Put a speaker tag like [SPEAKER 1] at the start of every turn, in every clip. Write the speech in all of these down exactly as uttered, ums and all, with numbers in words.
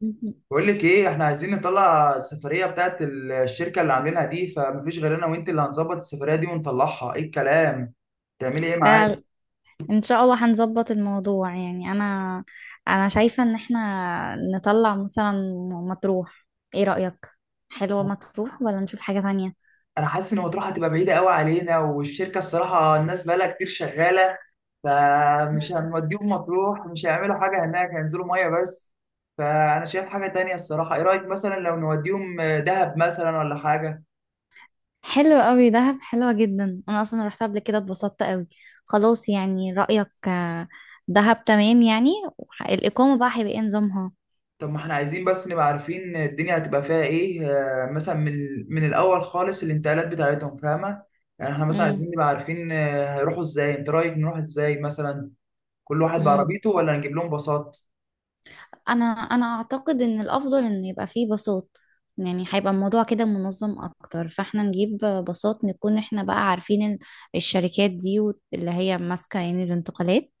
[SPEAKER 1] مهم.
[SPEAKER 2] بقول لك ايه، احنا عايزين نطلع السفريه بتاعت الشركه اللي عاملينها دي. فمفيش غير انا وانت اللي هنظبط السفريه دي ونطلعها. ايه الكلام، تعملي ايه معايا؟
[SPEAKER 1] آه، ان شاء الله هنظبط الموضوع، يعني انا انا شايفة ان احنا نطلع مثلا مطروح. ايه رأيك؟ حلوة مطروح ولا نشوف حاجة تانية؟
[SPEAKER 2] انا حاسس ان مطروح هتبقى بعيده قوي علينا، والشركه الصراحه الناس بقالها كتير شغاله، فمش
[SPEAKER 1] مم.
[SPEAKER 2] هنوديهم مطروح. مش هيعملوا حاجه هناك، هينزلوا ميه بس. فانا شايف حاجه تانية الصراحه. ايه رايك مثلا لو نوديهم دهب مثلا ولا حاجه؟
[SPEAKER 1] حلو قوي، دهب حلوة جدا، انا اصلا رحت قبل كده اتبسطت قوي. خلاص، يعني رأيك آه، دهب تمام يعني. وح- الإقامة بقى هيبقى ايه نظامها؟
[SPEAKER 2] طب ما احنا عايزين بس نبقى عارفين الدنيا هتبقى فيها ايه، آه، مثلا من من الاول خالص الانتقالات بتاعتهم، فاهمه؟ يعني احنا مثلا عايزين نبقى عارفين، آه، هيروحوا ازاي. انت رايك نروح ازاي مثلا؟ كل واحد
[SPEAKER 1] امم
[SPEAKER 2] بعربيته ولا نجيب لهم باصات؟
[SPEAKER 1] انا انا اعتقد ان الافضل ان يبقى فيه باصات، يعني هيبقى الموضوع كده منظم اكتر، فاحنا نجيب باصات، نكون احنا بقى عارفين ال- الشركات دي، وت- اللي هي ماسكة يعني الانتقالات،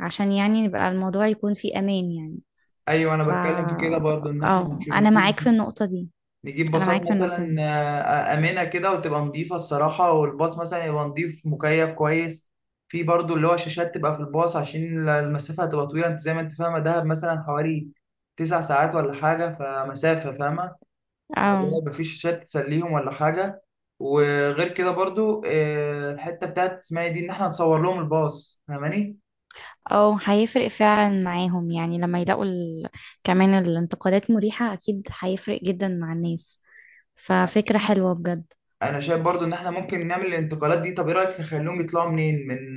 [SPEAKER 1] عشان يعني نبقى الموضوع يكون فيه امان يعني.
[SPEAKER 2] ايوه انا
[SPEAKER 1] ف
[SPEAKER 2] بتكلم في كده برضو، ان احنا
[SPEAKER 1] اه،
[SPEAKER 2] مش
[SPEAKER 1] انا
[SPEAKER 2] نجيب
[SPEAKER 1] معاك في النقطة دي.
[SPEAKER 2] نجيب
[SPEAKER 1] انا
[SPEAKER 2] باصات
[SPEAKER 1] معاك في النقطة
[SPEAKER 2] مثلا،
[SPEAKER 1] دي.
[SPEAKER 2] آه، آمنة كده وتبقى نظيفة الصراحة. والباص مثلا يبقى نظيف مكيف كويس. في برضو اللي هو شاشات تبقى في الباص عشان المسافة هتبقى طويلة. انت زي ما انت فاهمة دهب مثلا حوالي تسع ساعات ولا حاجة، فمسافة، فاهمة؟ فاللي
[SPEAKER 1] اه،
[SPEAKER 2] هو مفيش شاشات تسليهم ولا حاجة. وغير كده برضو، آه، الحتة بتاعت اسمها إيه دي، ان احنا نصور لهم الباص، فاهماني؟
[SPEAKER 1] اه، هيفرق فعلا معاهم، يعني لما يلاقوا ال... كمان الانتقادات مريحة، اكيد هيفرق جدا مع الناس. ففكرة حلوة بجد.
[SPEAKER 2] انا شايف برضو ان احنا ممكن نعمل الانتقالات دي. طب ايه رأيك نخليهم يطلعوا منين، من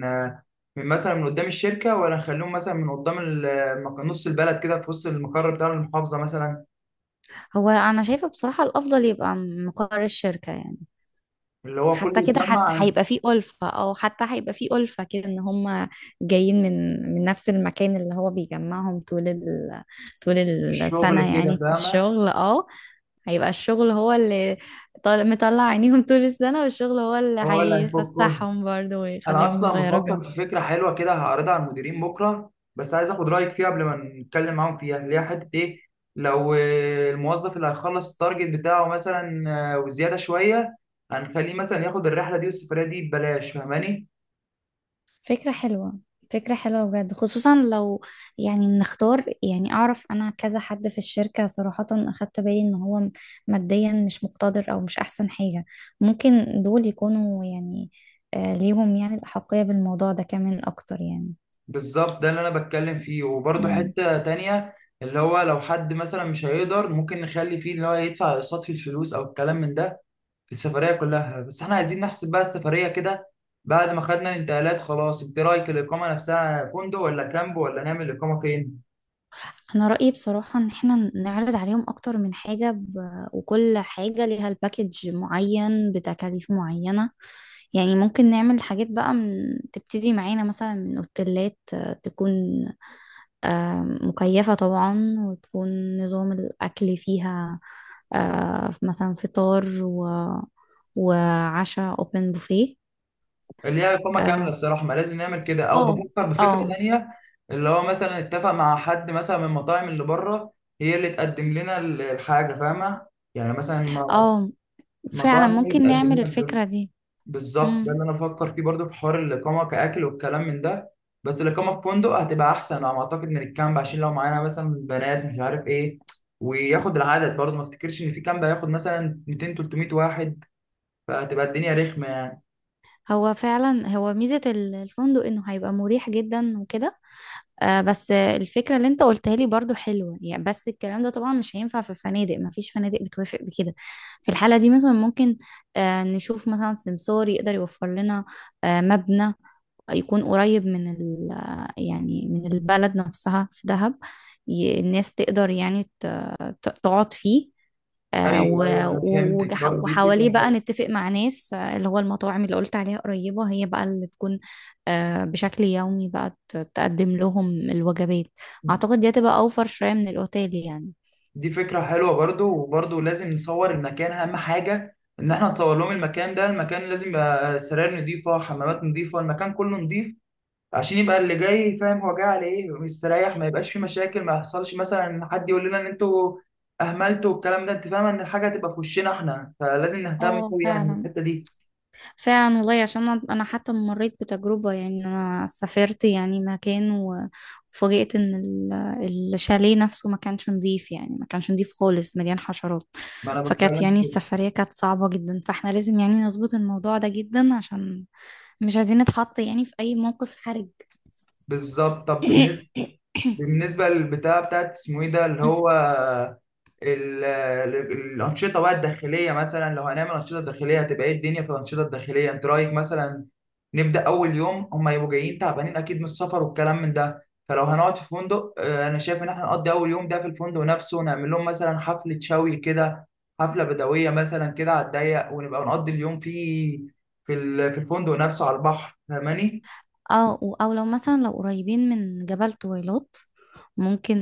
[SPEAKER 2] من مثلا من قدام الشركه، ولا نخليهم مثلا من قدام المك- نص البلد كده في وسط المقر بتاع المحافظه مثلا؟
[SPEAKER 1] هو انا شايفه بصراحه الافضل يبقى مقر الشركه يعني.
[SPEAKER 2] اللي هو كله
[SPEAKER 1] حتى كده،
[SPEAKER 2] يتجمع
[SPEAKER 1] حتى
[SPEAKER 2] عن
[SPEAKER 1] هيبقى فيه الفه، او حتى هيبقى فيه الفه كده، ان هم جايين من من نفس المكان اللي هو بيجمعهم طول ال... طول
[SPEAKER 2] الشغل
[SPEAKER 1] السنه
[SPEAKER 2] كده،
[SPEAKER 1] يعني في
[SPEAKER 2] فاهمه.
[SPEAKER 1] الشغل. اه، هيبقى الشغل هو اللي طال... مطلع عينيهم طول السنه، والشغل هو اللي
[SPEAKER 2] هو اللي هيفكهم.
[SPEAKER 1] هيفسحهم برضه
[SPEAKER 2] انا
[SPEAKER 1] ويخليهم
[SPEAKER 2] اصلا
[SPEAKER 1] يغيروا جو.
[SPEAKER 2] بفكر في فكره حلوه كده هعرضها على المديرين بكره، بس عايز اخد رايك فيها قبل ما نتكلم معاهم فيها، اللي هي حته ايه. لو آه، الموظف اللي هيخلص التارجت بتاعه مثلا، آه، وزياده شويه، هنخليه مثلا ياخد الرحله دي والسفريه دي ببلاش، فاهماني؟
[SPEAKER 1] فكرة حلوة، فكرة حلوة بجد. خصوصا لو يعني نختار، يعني أعرف أنا كذا حد في الشركة، صراحة أخدت بالي إن هو ماديا مش مقتدر أو مش أحسن حاجة، ممكن دول يكونوا يعني آه، ليهم يعني الأحقية بالموضوع ده كمان أكتر يعني.
[SPEAKER 2] بالظبط ده اللي انا بتكلم فيه. وبرده
[SPEAKER 1] مم.
[SPEAKER 2] حتة تانية، اللي هو لو حد مثلا مش هيقدر، ممكن نخلي فيه اللي هو يدفع اقساط في الفلوس او الكلام من ده في السفرية كلها. بس احنا عايزين نحسب بقى السفرية كده بعد ما خدنا الانتقالات. خلاص انت رايك الاقامة نفسها فندق ولا كامب، ولا نعمل الاقامة فين؟
[SPEAKER 1] أنا رأيي بصراحة إن إحنا نعرض عليهم أكتر من حاجة، ب... وكل حاجة ليها الباكج معين بتكاليف معينة. يعني ممكن نعمل حاجات بقى من... تبتدي معانا مثلا من أوتيلات آه، تكون آم، مكيفة طبعا، وتكون نظام الأكل فيها آه، مثلا فطار و... وعشاء open buffet.
[SPEAKER 2] اللي هي اقامة كاملة
[SPEAKER 1] اه،
[SPEAKER 2] الصراحة، ما لازم نعمل كده، او
[SPEAKER 1] اه،
[SPEAKER 2] بفكر بفكرة
[SPEAKER 1] اه.
[SPEAKER 2] تانية، اللي هو مثلا اتفق مع حد مثلا من المطاعم اللي بره هي اللي تقدم لنا الحاجة، فاهمة؟ يعني مثلا
[SPEAKER 1] آه، فعلا
[SPEAKER 2] مطاعم هي اللي
[SPEAKER 1] ممكن
[SPEAKER 2] تقدم
[SPEAKER 1] نعمل
[SPEAKER 2] لنا الجو.
[SPEAKER 1] الفكرة دي.
[SPEAKER 2] بالظبط ده
[SPEAKER 1] مم.
[SPEAKER 2] اللي انا بفكر فيه برضو في حوار الاقامه كاكل والكلام من ده. بس الاقامه في فندق هتبقى احسن على ما اعتقد من الكامب، عشان لو معانا مثلا بنات مش عارف ايه. وياخد العدد برضو، ما افتكرش ان في كامب هياخد مثلا ميتين تلتمية واحد، فهتبقى الدنيا رخمه يعني.
[SPEAKER 1] هو فعلا، هو ميزة ال- الفندق انه هيبقى مريح جدا وكده. آه، بس الفكرة اللي انت قلتها لي برضو حلوة يعني، بس الكلام ده طبعا مش هينفع في الفنادق، مفيش فنادق بتوافق بكده. في الحالة دي مثلا ممكن آه نشوف مثلا سمسار يقدر يوفر لنا آه مبنى يكون قريب من ال آه، يعني من البلد نفسها في دهب، ي- الناس تقدر يعني ت- ت- تقعد فيه، آه،
[SPEAKER 2] ايوه ايوه
[SPEAKER 1] و-
[SPEAKER 2] انا
[SPEAKER 1] و-
[SPEAKER 2] فهمتك،
[SPEAKER 1] وجح-
[SPEAKER 2] برضو دي فكره
[SPEAKER 1] وحواليه بقى
[SPEAKER 2] حلوه.
[SPEAKER 1] نتفق مع ناس، آه، اللي هو المطاعم اللي قلت عليها قريبة هي بقى اللي تكون آه، بشكل يومي بقى ت- تقدم لهم الوجبات. أعتقد دي هتبقى أوفر شوية من الأوتيل يعني.
[SPEAKER 2] دي فكره حلوه برضو. وبرضو لازم نصور المكان، اهم حاجه ان احنا نصور لهم المكان ده. المكان لازم يبقى سراير نظيفه، حمامات نظيفه، المكان كله نظيف، عشان يبقى اللي جاي فاهم هو جاي على ايه ومستريح. ما يبقاش في مشاكل، ما يحصلش مثلا ان حد يقول لنا ان انتوا اهملتوا والكلام ده، انت فاهم ان الحاجه هتبقى في وشنا احنا، فلازم نهتم
[SPEAKER 1] اه،
[SPEAKER 2] قوي يعني
[SPEAKER 1] فعلا،
[SPEAKER 2] بالحته دي.
[SPEAKER 1] فعلا والله. عشان انا، أنا حتى مريت بتجربة، يعني انا سافرت يعني مكان و- وفوجئت ان ال- الشاليه نفسه ما كانش نظيف، يعني ما كانش نظيف خالص، مليان حشرات.
[SPEAKER 2] فانا
[SPEAKER 1] فكانت
[SPEAKER 2] بتكلم
[SPEAKER 1] يعني
[SPEAKER 2] كده.
[SPEAKER 1] السفرية كانت صعبة جدا، فاحنا لازم يعني نظبط الموضوع ده جدا، عشان مش عايزين نتحط يعني في اي موقف حرج.
[SPEAKER 2] بالظبط. طب بالنسبه، بالنسبة للبتاع بتاعت اسمه ايه ده اللي هو ال- ال- الأنشطة بقى الداخلية، مثلا لو هنعمل أنشطة داخلية هتبقى ايه الدنيا في الأنشطة الداخلية؟ انت رأيك مثلا نبدأ أول يوم، هما يبقوا جايين تعبانين أكيد من السفر والكلام من ده، فلو هنقعد في فندق، آه، أنا شايف إن احنا نقضي أول يوم ده في الفندق نفسه، نعمل لهم مثلا حفلة شوي كده، حفلة بدوية مثلا كده على الضيق، ونبقى نقضي اليوم فيه في ال- في الفندق نفسه على البحر، فاهماني؟
[SPEAKER 1] اه، او لو مثلا لو قريبين من جبل طويلات، ممكن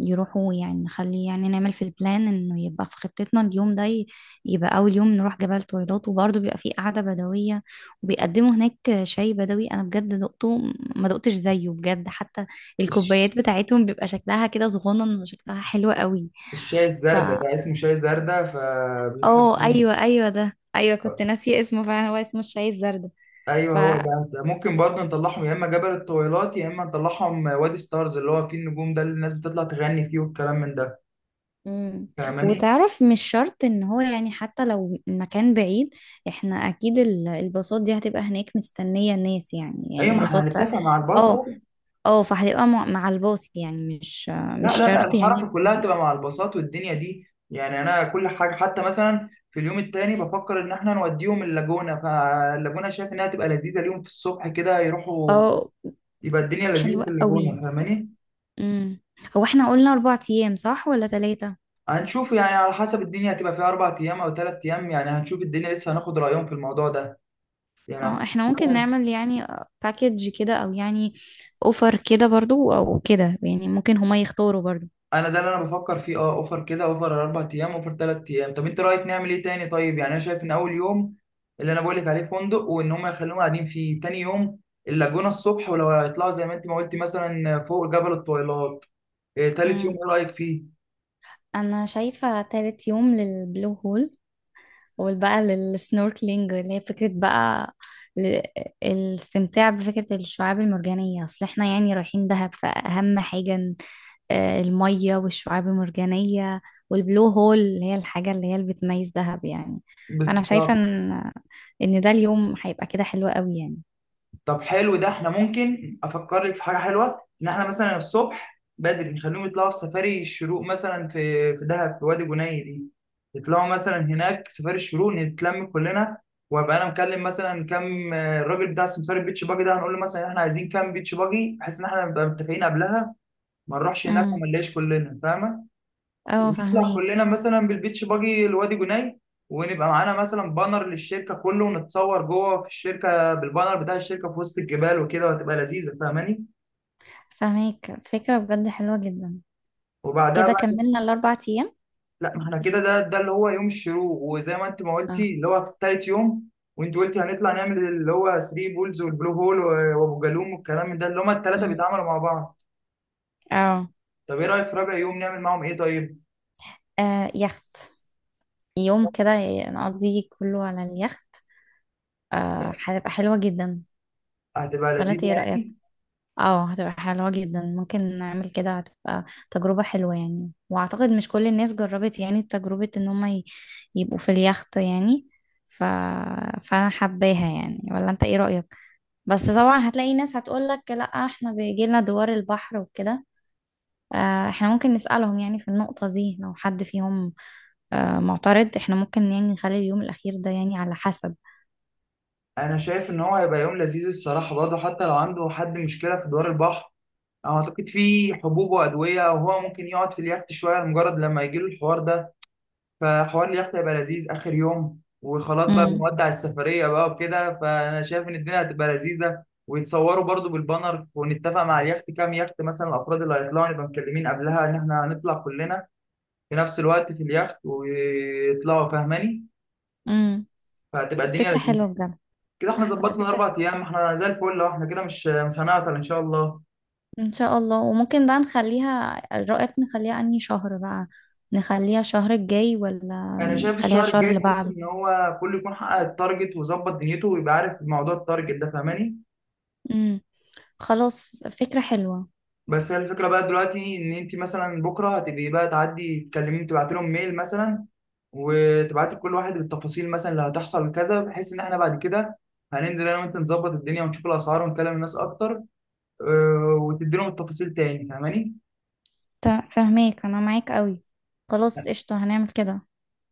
[SPEAKER 1] يروحوا يعني، نخلي يعني نعمل في البلان انه يبقى في خطتنا اليوم ده ي- يبقى اول يوم نروح جبل طويلات، وبرضه بيبقى فيه قعدة بدوية، وبيقدموا هناك شاي بدوي، انا بجد دقته ما دقتش زيه بجد. حتى الكوبايات بتاعتهم بيبقى شكلها كده صغنن، وشكلها حلو قوي.
[SPEAKER 2] الشاي الزردة
[SPEAKER 1] فا
[SPEAKER 2] ده اسمه شاي زردة
[SPEAKER 1] اه،
[SPEAKER 2] فبيحبوه.
[SPEAKER 1] ايوه، ايوه، ده ايوه كنت ناسيه اسمه، فعلا هو اسمه الشاي الزرد.
[SPEAKER 2] ايوه هو ده ده ممكن برضه نطلعهم يا اما جبل الطويلات يا اما نطلعهم وادي ستارز اللي هو فيه النجوم ده، اللي الناس بتطلع تغني فيه والكلام من ده،
[SPEAKER 1] مم.
[SPEAKER 2] فاهماني؟
[SPEAKER 1] وتعرف مش شرط ان هو يعني حتى لو المكان بعيد، احنا اكيد ال- الباصات دي هتبقى هناك مستنية الناس، يعني
[SPEAKER 2] ايوه
[SPEAKER 1] يعني
[SPEAKER 2] ما احنا
[SPEAKER 1] باصات.
[SPEAKER 2] هنتفق مع الباص
[SPEAKER 1] اه،
[SPEAKER 2] اول.
[SPEAKER 1] اه، فهتبقى مع مع الباص يعني، مش
[SPEAKER 2] لا
[SPEAKER 1] مش
[SPEAKER 2] لا لا،
[SPEAKER 1] شرط
[SPEAKER 2] الحركه
[SPEAKER 1] يعني.
[SPEAKER 2] كلها تبقى مع الباصات والدنيا دي يعني. انا كل حاجه، حتى مثلا في اليوم التاني بفكر ان احنا نوديهم اللاجونه، فاللاجونه شايف انها تبقى لذيذه اليوم في الصبح كده يروحوا،
[SPEAKER 1] اه،
[SPEAKER 2] يبقى الدنيا لذيذه
[SPEAKER 1] حلوة
[SPEAKER 2] في
[SPEAKER 1] قوي.
[SPEAKER 2] اللاجونه، فاهماني؟
[SPEAKER 1] مم. هو احنا قلنا اربع ايام صح ولا ثلاثة؟
[SPEAKER 2] هنشوف يعني على حسب الدنيا هتبقى فيها أربع أيام أو تلات أيام. يعني هنشوف الدنيا لسه، هناخد رأيهم في الموضوع ده. يعني هناخد-
[SPEAKER 1] اه، احنا ممكن
[SPEAKER 2] مثلا.
[SPEAKER 1] نعمل يعني باكج كده، او يعني اوفر كده برضو، او كده يعني ممكن هما يختاروا برضو.
[SPEAKER 2] أنا ده اللي أنا بفكر فيه، أه أوفر كده، أوفر أربع أيام، أوفر تلات أيام. طب أنت رأيك نعمل إيه تاني طيب؟ يعني أنا شايف إن أول يوم اللي أنا بقول لك عليه فندق، وإن هم يخلوهم قاعدين فيه. تاني يوم اللاجونة الصبح، ولو هيطلعوا زي ما أنت ما قلتي مثلا فوق جبل الطويلات. إيه، تالت يوم
[SPEAKER 1] مم.
[SPEAKER 2] إيه رأيك فيه؟
[SPEAKER 1] انا شايفة تالت يوم للبلو هول، والبقى للسنوركلينج، اللي هي فكرة بقى ل- الاستمتاع بفكرة الشعاب المرجانية. أصل احنا يعني رايحين دهب، فأهم حاجة ن- آه، المية والشعاب المرجانية، والبلو هول اللي هي الحاجة اللي هي اللي بتميز دهب يعني. أنا شايفة
[SPEAKER 2] بالظبط.
[SPEAKER 1] إن إن ده اليوم هيبقى كده حلو قوي يعني.
[SPEAKER 2] طب حلو ده، احنا ممكن افكر لك في حاجه حلوه، ان احنا مثلا الصبح بدري نخليهم يطلعوا في سفاري الشروق مثلا في في دهب في وادي بني دي. يطلعوا مثلا هناك سفاري الشروق، نتلم كلنا. وابقى انا مكلم مثلا كام، آه، الراجل بتاع سمسار البيتش باجي ده هنقول له مثلا احنا عايزين كام بيتش باجي، بحيث ان احنا نبقى متفقين قبلها. ما نروحش هناك
[SPEAKER 1] امم
[SPEAKER 2] وما نلاقيش كلنا، فاهمه؟
[SPEAKER 1] اه،
[SPEAKER 2] نطلع
[SPEAKER 1] فهميك
[SPEAKER 2] كلنا مثلا بالبيتش باجي لوادي جناي، ونبقى معانا مثلا بانر للشركه كله، ونتصور جوه في الشركه بالبانر بتاع الشركه في وسط الجبال وكده، وهتبقى لذيذه، فاهماني؟
[SPEAKER 1] فهميك فكرة بجد حلوة جدا.
[SPEAKER 2] وبعدها
[SPEAKER 1] كده
[SPEAKER 2] بقى،
[SPEAKER 1] كملنا الأربع أيام.
[SPEAKER 2] لا ما احنا كده، ده ده اللي هو يوم الشروق، وزي ما انت ما
[SPEAKER 1] اه.
[SPEAKER 2] قلتي اللي هو في تالت يوم. وانت قلتي هنطلع نعمل اللي هو تلاته بولز والبلو هول و- وابو جالوم والكلام من ده اللي هما الثلاثه
[SPEAKER 1] امم
[SPEAKER 2] بيتعاملوا مع بعض.
[SPEAKER 1] اه،
[SPEAKER 2] طب ايه رايك في رابع يوم نعمل معاهم ايه طيب؟
[SPEAKER 1] آه، يخت، يوم كده نقضيه كله على اليخت. آه، هتبقى حلوة جدا.
[SPEAKER 2] هتبقى
[SPEAKER 1] ولا انت
[SPEAKER 2] لذيذة
[SPEAKER 1] ايه رأيك؟
[SPEAKER 2] يعني.
[SPEAKER 1] اه، هتبقى حلوة جدا، ممكن نعمل كده، هتبقى تجربة حلوة يعني. واعتقد مش كل الناس جربت يعني تجربة ان هم ي- يبقوا في اليخت يعني. ف... فانا حباها يعني. ولا انت ايه رأيك؟ بس طبعا هتلاقي ناس هتقولك لا احنا بيجيلنا دوار البحر وكده. آه، احنا ممكن نسألهم يعني في النقطة دي، لو حد فيهم آه، معترض احنا ممكن يعني نخلي اليوم الأخير ده يعني على حسب.
[SPEAKER 2] أنا شايف إن هو هيبقى يوم لذيذ الصراحة برضه. حتى لو عنده حد مشكلة في دوار البحر، أعتقد في حبوب وأدوية، وهو ممكن يقعد في اليخت شوية لمجرد لما يجيله الحوار ده. فحوار اليخت هيبقى لذيذ آخر يوم، وخلاص بقى
[SPEAKER 1] مم.
[SPEAKER 2] بنودع السفرية بقى وكده. فأنا شايف إن الدنيا هتبقى لذيذة، ويتصوروا برضو بالبانر، ونتفق مع اليخت كام يخت مثلا، الأفراد اللي هيطلعوا نبقى مكلمين قبلها إن إحنا هنطلع كلنا في نفس الوقت في اليخت ويطلعوا، فاهماني؟
[SPEAKER 1] امم
[SPEAKER 2] فهتبقى الدنيا
[SPEAKER 1] فكرة
[SPEAKER 2] لذيذة.
[SPEAKER 1] حلوة بجد.
[SPEAKER 2] كده إحنا
[SPEAKER 1] على
[SPEAKER 2] ظبطنا
[SPEAKER 1] فكرة،
[SPEAKER 2] الأربع أيام، إحنا زي الفل أهو، إحنا كده مش مش هنعطل إن شاء الله.
[SPEAKER 1] ان شاء الله. وممكن بقى نخليها، رأيك نخليها انهي شهر بقى؟ نخليها الشهر الجاي ولا
[SPEAKER 2] انا شايف
[SPEAKER 1] نخليها
[SPEAKER 2] الشهر
[SPEAKER 1] الشهر
[SPEAKER 2] الجاي
[SPEAKER 1] اللي
[SPEAKER 2] تحس
[SPEAKER 1] بعده؟
[SPEAKER 2] ان هو كله يكون حقق التارجت وظبط دنيته ويبقى عارف موضوع التارجت ده، فاهماني؟
[SPEAKER 1] امم خلاص، فكرة حلوة.
[SPEAKER 2] بس هي الفكره بقى دلوقتي، ان انت مثلا بكره هتبقي بقى تعدي تكلميهم، تبعت لهم ميل مثلا، وتبعتي لكل واحد بالتفاصيل مثلا اللي هتحصل كذا، بحيث ان احنا بعد كده هننزل انا وانت نظبط الدنيا ونشوف الاسعار ونكلم الناس اكتر، آه، وتدي لهم التفاصيل تاني، فاهماني؟
[SPEAKER 1] تا- فهماك، انا معاك قوي. خلاص قشطة، هنعمل كده.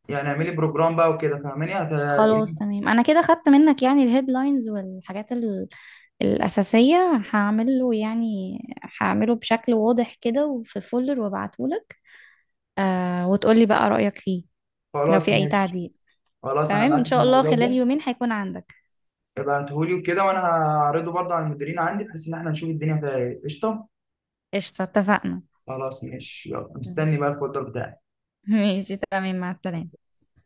[SPEAKER 2] يعني اعملي بروجرام بقى وكده، فاهماني هت-
[SPEAKER 1] خلاص تمام، انا كده خدت منك يعني الهيدلاينز والحاجات ال... الأساسية، هعمله يعني، هعمله بشكل واضح كده وفي فولر وابعتهولك. آه، وتقولي بقى رأيك فيه لو
[SPEAKER 2] خلاص
[SPEAKER 1] في اي
[SPEAKER 2] ماشي.
[SPEAKER 1] تعديل.
[SPEAKER 2] خلاص انا
[SPEAKER 1] تمام، ان
[SPEAKER 2] معاك في
[SPEAKER 1] شاء الله
[SPEAKER 2] الموضوع
[SPEAKER 1] خلال
[SPEAKER 2] ده.
[SPEAKER 1] يومين هيكون عندك.
[SPEAKER 2] يبقى انتهولي وكده، وانا هعرضه برضه على المديرين عندي بحيث ان احنا نشوف الدنيا فيها ايه، قشطه.
[SPEAKER 1] قشطة، اتفقنا.
[SPEAKER 2] خلاص ماشي، يلا مستني بقى الفولدر بتاعك.
[SPEAKER 1] ماشي، تمام، مع السلامة.